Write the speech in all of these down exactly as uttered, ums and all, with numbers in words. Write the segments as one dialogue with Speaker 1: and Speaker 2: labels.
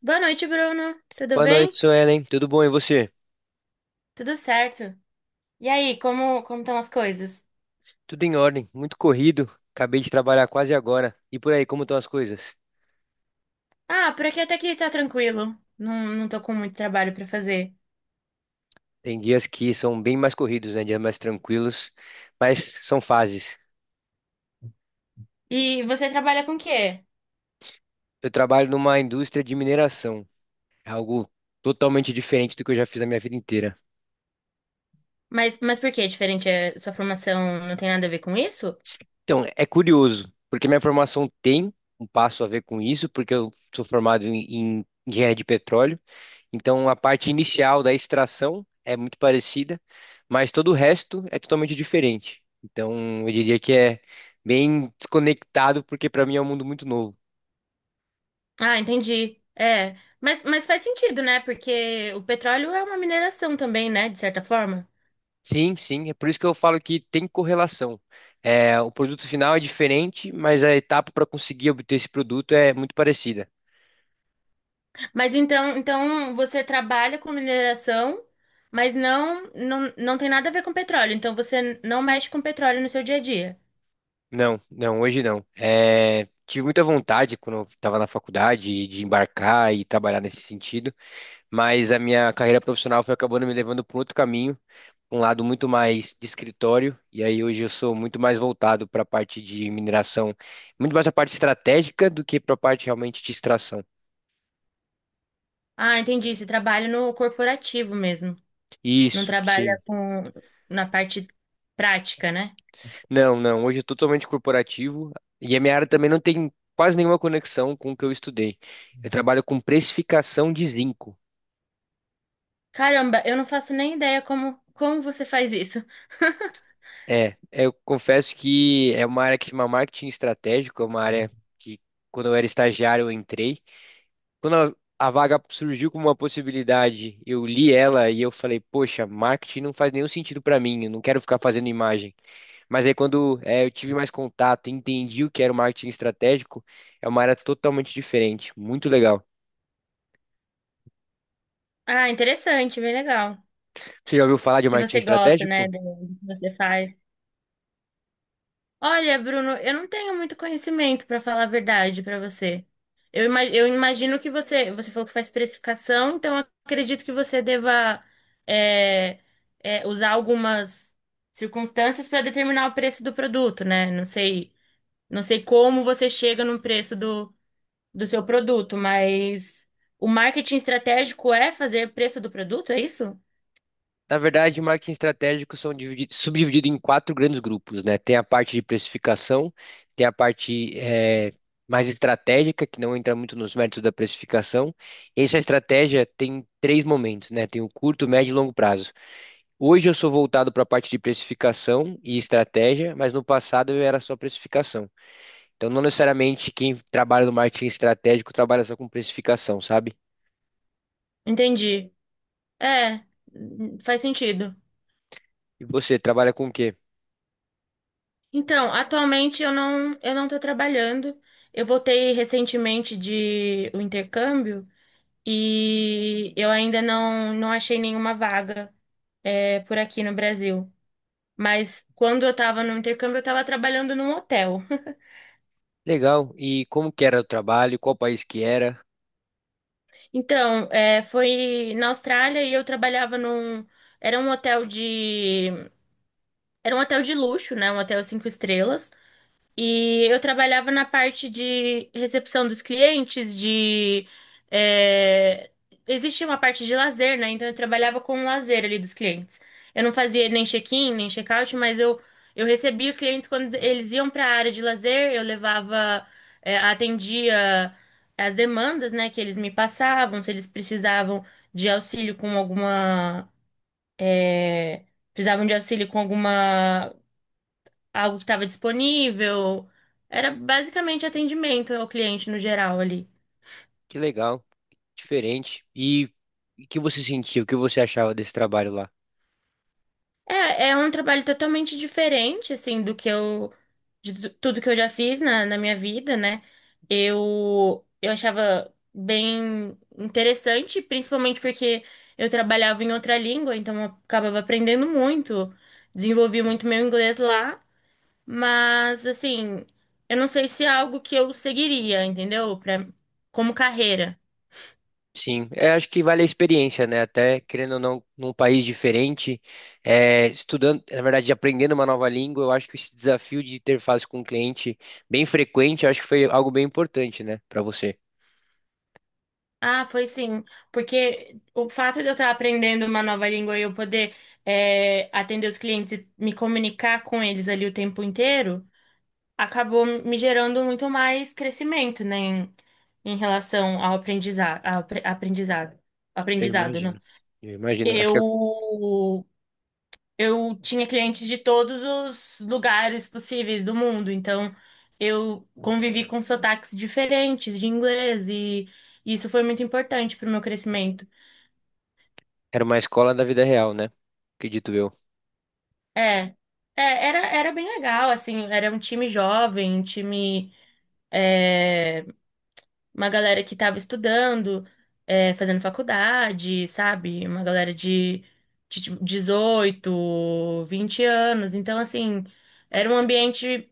Speaker 1: Boa noite, Bruno. Tudo
Speaker 2: Boa
Speaker 1: bem?
Speaker 2: noite, Suelen. Tudo bom e você?
Speaker 1: Tudo certo. E aí, como como estão as coisas?
Speaker 2: Tudo em ordem, muito corrido. Acabei de trabalhar quase agora. E por aí, como estão as coisas?
Speaker 1: Ah, por aqui até que tá tranquilo. Não, não tô com muito trabalho pra fazer.
Speaker 2: Tem dias que são bem mais corridos, né? Dias mais tranquilos, mas são fases.
Speaker 1: E você trabalha com o quê?
Speaker 2: Eu trabalho numa indústria de mineração, é algo totalmente diferente do que eu já fiz a minha vida inteira.
Speaker 1: Mas, mas por que é diferente? É, sua formação não tem nada a ver com isso?
Speaker 2: Então, é curioso, porque minha formação tem um passo a ver com isso, porque eu sou formado em, em engenharia de petróleo. Então a parte inicial da extração é muito parecida, mas todo o resto é totalmente diferente. Então eu diria que é bem desconectado, porque para mim é um mundo muito novo.
Speaker 1: Ah, entendi. É, mas, mas faz sentido, né? Porque o petróleo é uma mineração também, né? De certa forma.
Speaker 2: Sim, sim, é por isso que eu falo que tem correlação. É, o produto final é diferente, mas a etapa para conseguir obter esse produto é muito parecida.
Speaker 1: Mas então, então você trabalha com mineração, mas não, não, não tem nada a ver com petróleo. Então você não mexe com petróleo no seu dia a dia.
Speaker 2: Não, não, hoje não. É, tive muita vontade quando eu estava na faculdade de embarcar e trabalhar nesse sentido, mas a minha carreira profissional foi acabando me levando para outro caminho, um lado muito mais de escritório, e aí hoje eu sou muito mais voltado para a parte de mineração, muito mais a parte estratégica do que para a parte realmente de extração.
Speaker 1: Ah, entendi. Você trabalha no corporativo mesmo. Não
Speaker 2: Isso,
Speaker 1: trabalha
Speaker 2: sim.
Speaker 1: com na parte prática, né?
Speaker 2: Não, não, hoje eu tô totalmente corporativo, e a minha área também não tem quase nenhuma conexão com o que eu estudei. Eu trabalho com precificação de zinco.
Speaker 1: Caramba, eu não faço nem ideia como, como você faz isso.
Speaker 2: É, eu confesso que é uma área que chama marketing estratégico, é uma
Speaker 1: Uhum.
Speaker 2: área que quando eu era estagiário eu entrei, quando a, a vaga surgiu como uma possibilidade, eu li ela e eu falei, poxa, marketing não faz nenhum sentido para mim, eu não quero ficar fazendo imagem. Mas aí quando é, eu tive mais contato, entendi o que era o marketing estratégico, é uma área totalmente diferente, muito legal.
Speaker 1: Ah, interessante, bem legal.
Speaker 2: Você já ouviu falar de
Speaker 1: Que
Speaker 2: marketing
Speaker 1: você gosta, né,
Speaker 2: estratégico?
Speaker 1: do do que você faz. Olha, Bruno, eu não tenho muito conhecimento, para falar a verdade para você. Eu, ima- eu imagino que você, você falou que faz precificação, então eu acredito que você deva é, é, usar algumas circunstâncias para determinar o preço do produto, né? Não sei, não sei como você chega no preço do, do seu produto, mas o marketing estratégico é fazer preço do produto, é isso?
Speaker 2: Na verdade, marketing estratégico são dividi- subdividido em quatro grandes grupos, né? Tem a parte de precificação, tem a parte eh, mais estratégica, que não entra muito nos méritos da precificação. Essa estratégia tem três momentos, né? Tem o curto, médio e longo prazo. Hoje eu sou voltado para a parte de precificação e estratégia, mas no passado eu era só precificação. Então, não necessariamente quem trabalha no marketing estratégico trabalha só com precificação, sabe?
Speaker 1: Entendi. É, hum, Faz sentido.
Speaker 2: E você trabalha com o quê?
Speaker 1: Então, atualmente eu não eu não estou trabalhando. Eu voltei recentemente de o intercâmbio e eu ainda não, não achei nenhuma vaga é, por aqui no Brasil. Mas quando eu estava no intercâmbio, eu estava trabalhando num hotel.
Speaker 2: Legal. E como que era o trabalho? Qual país que era?
Speaker 1: Então, é, foi na Austrália e eu trabalhava num. Era um hotel de. Era um hotel de luxo, né? Um hotel cinco estrelas. E eu trabalhava na parte de recepção dos clientes, de. é, Existia uma parte de lazer, né? Então eu trabalhava com o lazer ali dos clientes. Eu não fazia nem check-in, nem check-out, mas eu, eu recebia os clientes quando eles iam para a área de lazer, eu levava, é, atendia as demandas, né, que eles me passavam, se eles precisavam de auxílio com alguma é, precisavam de auxílio com alguma algo que estava disponível. Era basicamente atendimento ao cliente no geral ali.
Speaker 2: Que legal, diferente. E e o que você sentiu? O que você achava desse trabalho lá?
Speaker 1: É, é um trabalho totalmente diferente, assim, do que eu, de tu- tudo que eu já fiz na, na minha vida, né? Eu, eu achava bem interessante, principalmente porque eu trabalhava em outra língua, então eu acabava aprendendo muito, desenvolvi muito meu inglês lá, mas, assim, eu não sei se é algo que eu seguiria, entendeu? Pra, como carreira.
Speaker 2: Sim, é, acho que vale a experiência, né? Até querendo ou não, num país diferente, é, estudando, na verdade, aprendendo uma nova língua, eu acho que esse desafio de interface com o cliente bem frequente, eu acho que foi algo bem importante, né, para você.
Speaker 1: Ah, foi sim. Porque o fato de eu estar aprendendo uma nova língua e eu poder é, atender os clientes e me comunicar com eles ali o tempo inteiro, acabou me gerando muito mais crescimento, né, em, em relação ao aprendizado, ao apre- aprendizado,
Speaker 2: Eu
Speaker 1: aprendizado, né?
Speaker 2: imagino, eu imagino. Acho que
Speaker 1: Eu, eu tinha clientes de todos os lugares possíveis do mundo, então eu convivi com sotaques diferentes de inglês e isso foi muito importante para o meu crescimento.
Speaker 2: era uma escola da vida real, né? Acredito eu.
Speaker 1: É, é, era, Era bem legal, assim, era um time jovem, um time, é, uma galera que tava estudando, é, fazendo faculdade, sabe? Uma galera de, de tipo, dezoito, vinte anos, então, assim, era um ambiente,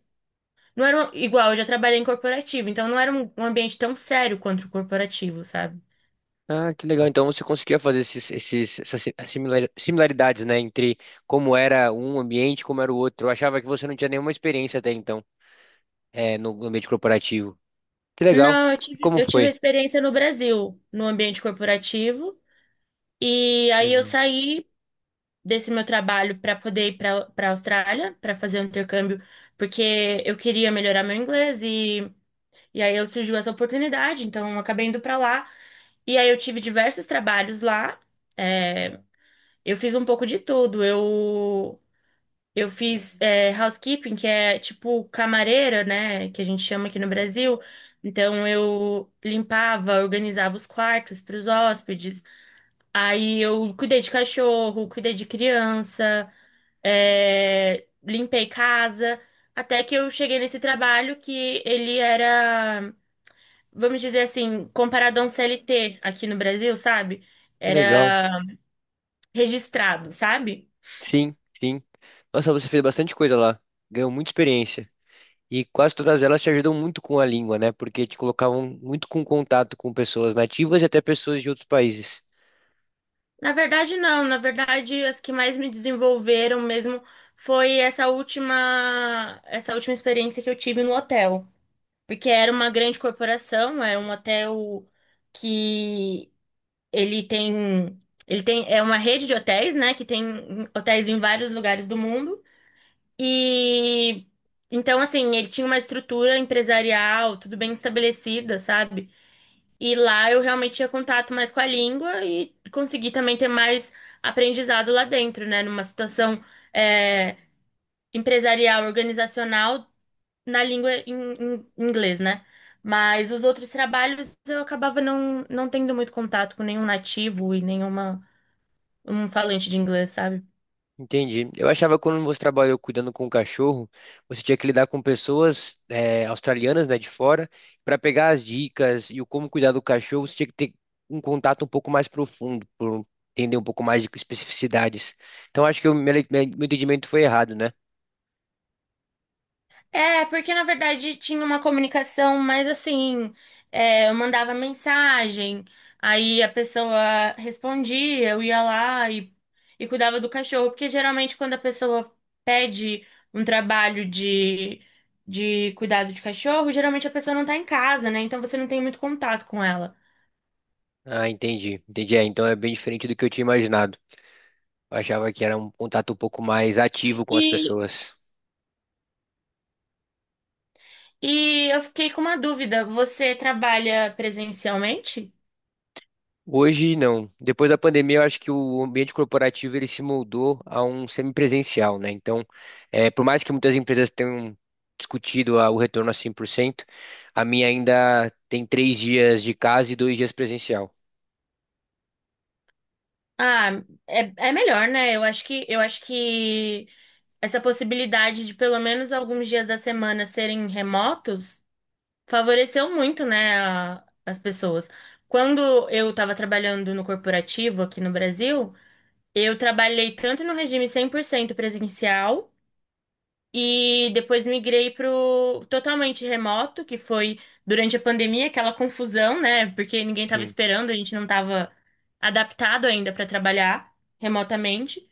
Speaker 1: não era um- igual, eu já trabalhei em corporativo, então não era um, um ambiente tão sério quanto o corporativo, sabe?
Speaker 2: Ah, que legal. Então você conseguia fazer esses, esses, essas si- similar- similaridades, né, entre como era um ambiente e como era o outro. Eu achava que você não tinha nenhuma experiência até então, é, no no ambiente corporativo. Que legal.
Speaker 1: Não, eu
Speaker 2: E
Speaker 1: tive,
Speaker 2: como
Speaker 1: eu tive a
Speaker 2: foi?
Speaker 1: experiência no Brasil, no ambiente corporativo, e
Speaker 2: Que
Speaker 1: aí eu
Speaker 2: legal.
Speaker 1: saí desse meu trabalho para poder ir para para Austrália, para fazer um intercâmbio, porque eu queria melhorar meu inglês e, e aí eu surgiu essa oportunidade, então eu acabei indo para lá. E aí eu tive diversos trabalhos lá. É, eu fiz um pouco de tudo. Eu eu fiz é, housekeeping, que é tipo camareira, né? Que a gente chama aqui no Brasil. Então eu limpava, organizava os quartos para os hóspedes. Aí eu cuidei de cachorro, cuidei de criança, é, limpei casa. Até que eu cheguei nesse trabalho que ele era, vamos dizer assim, comparado a um C L T aqui no Brasil, sabe?
Speaker 2: Que legal.
Speaker 1: Era registrado, sabe?
Speaker 2: Sim, sim. Nossa, você fez bastante coisa lá. Ganhou muita experiência. E quase todas elas te ajudam muito com a língua, né? Porque te colocavam muito com contato com pessoas nativas e até pessoas de outros países.
Speaker 1: Na verdade, não. Na verdade, as que mais me desenvolveram mesmo foi essa última, essa última experiência que eu tive no hotel. Porque era uma grande corporação, era um hotel que ele tem, ele tem, é uma rede de hotéis, né, que tem hotéis em vários lugares do mundo. E então assim, ele tinha uma estrutura empresarial, tudo bem estabelecida, sabe? E lá eu realmente tinha contato mais com a língua e consegui também ter mais aprendizado lá dentro, né? Numa situação é, empresarial, organizacional, na língua em, em inglês, né? Mas os outros trabalhos eu acabava não, não tendo muito contato com nenhum nativo e nenhuma um falante de inglês, sabe?
Speaker 2: Entendi. Eu achava que quando você trabalhou cuidando com o cachorro, você tinha que lidar com pessoas eh, australianas, né, de fora, para pegar as dicas e o como cuidar do cachorro, você tinha que ter um contato um pouco mais profundo, por entender um pouco mais de especificidades. Então acho que o meu, meu meu entendimento foi errado, né?
Speaker 1: É, porque na verdade tinha uma comunicação mais assim, é, eu mandava mensagem, aí a pessoa respondia, eu ia lá e, e cuidava do cachorro, porque geralmente quando a pessoa pede um trabalho de, de cuidado de cachorro, geralmente a pessoa não tá em casa, né? Então você não tem muito contato com ela.
Speaker 2: Ah, entendi. Entendi. É, então é bem diferente do que eu tinha imaginado. Eu achava que era um contato um pouco mais ativo com as
Speaker 1: E,
Speaker 2: pessoas.
Speaker 1: e eu fiquei com uma dúvida, você trabalha presencialmente?
Speaker 2: Hoje não. Depois da pandemia, eu acho que o ambiente corporativo ele se moldou a um semipresencial, né? Então, eh, por mais que muitas empresas tenham discutido a- o retorno a cem por cento, a minha ainda tem três dias de casa e dois dias presencial.
Speaker 1: Ah, é, é melhor, né? Eu acho que, eu acho que essa possibilidade de pelo menos alguns dias da semana serem remotos favoreceu muito, né, a- as pessoas. Quando eu estava trabalhando no corporativo aqui no Brasil, eu trabalhei tanto no regime cem por cento presencial e depois migrei para o totalmente remoto, que foi durante a pandemia, aquela confusão, né, porque ninguém estava
Speaker 2: Sim,
Speaker 1: esperando, a gente não estava adaptado ainda para trabalhar remotamente.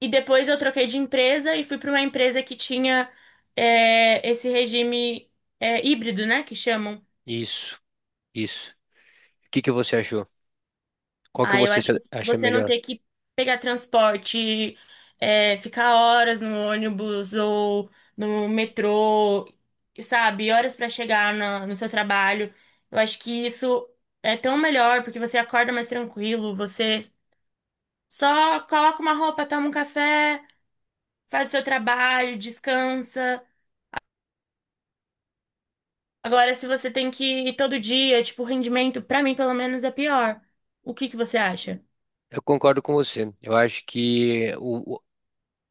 Speaker 1: E depois eu troquei de empresa e fui para uma empresa que tinha é, esse regime é, híbrido, né? Que chamam.
Speaker 2: isso, isso. O que que você achou? Qual que
Speaker 1: Ah, eu
Speaker 2: você
Speaker 1: acho que
Speaker 2: se- acha
Speaker 1: você não
Speaker 2: melhor?
Speaker 1: ter que pegar transporte, é, ficar horas no ônibus ou no metrô, sabe? Horas para chegar na- no seu trabalho. Eu acho que isso é tão melhor porque você acorda mais tranquilo, você só coloca uma roupa, toma um café, faz o seu trabalho, descansa. Agora, se você tem que ir todo dia, tipo, o rendimento, pra mim, pelo menos, é pior. O que que você acha?
Speaker 2: Eu concordo com você. Eu acho que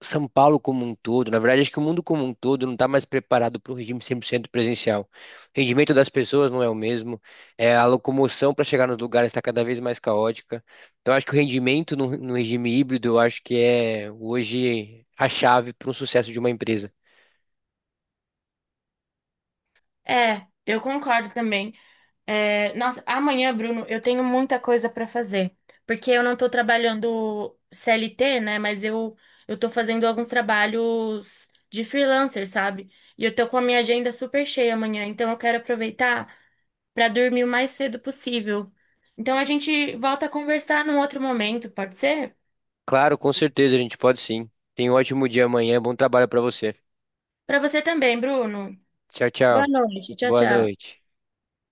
Speaker 2: São Paulo como um todo, na verdade, acho que o mundo como um todo não está mais preparado para um regime cem por cento presencial. O rendimento das pessoas não é o mesmo, é, a locomoção para chegar nos lugares está cada vez mais caótica. Então, acho que o rendimento no, no regime híbrido, eu acho que é hoje a chave para um sucesso de uma empresa.
Speaker 1: É, eu concordo também. É, nossa, amanhã, Bruno, eu tenho muita coisa pra fazer. Porque eu não tô trabalhando C L T, né? Mas eu, eu tô fazendo alguns trabalhos de freelancer, sabe? E eu tô com a minha agenda super cheia amanhã. Então, eu quero aproveitar pra dormir o mais cedo possível. Então, a gente volta a conversar num outro momento, pode ser?
Speaker 2: Claro, com certeza, a gente pode sim. Tenha um ótimo dia amanhã, bom trabalho para você.
Speaker 1: Pra você também, Bruno.
Speaker 2: Tchau,
Speaker 1: Boa
Speaker 2: tchau.
Speaker 1: noite. Tchau,
Speaker 2: Boa
Speaker 1: tchau.
Speaker 2: noite.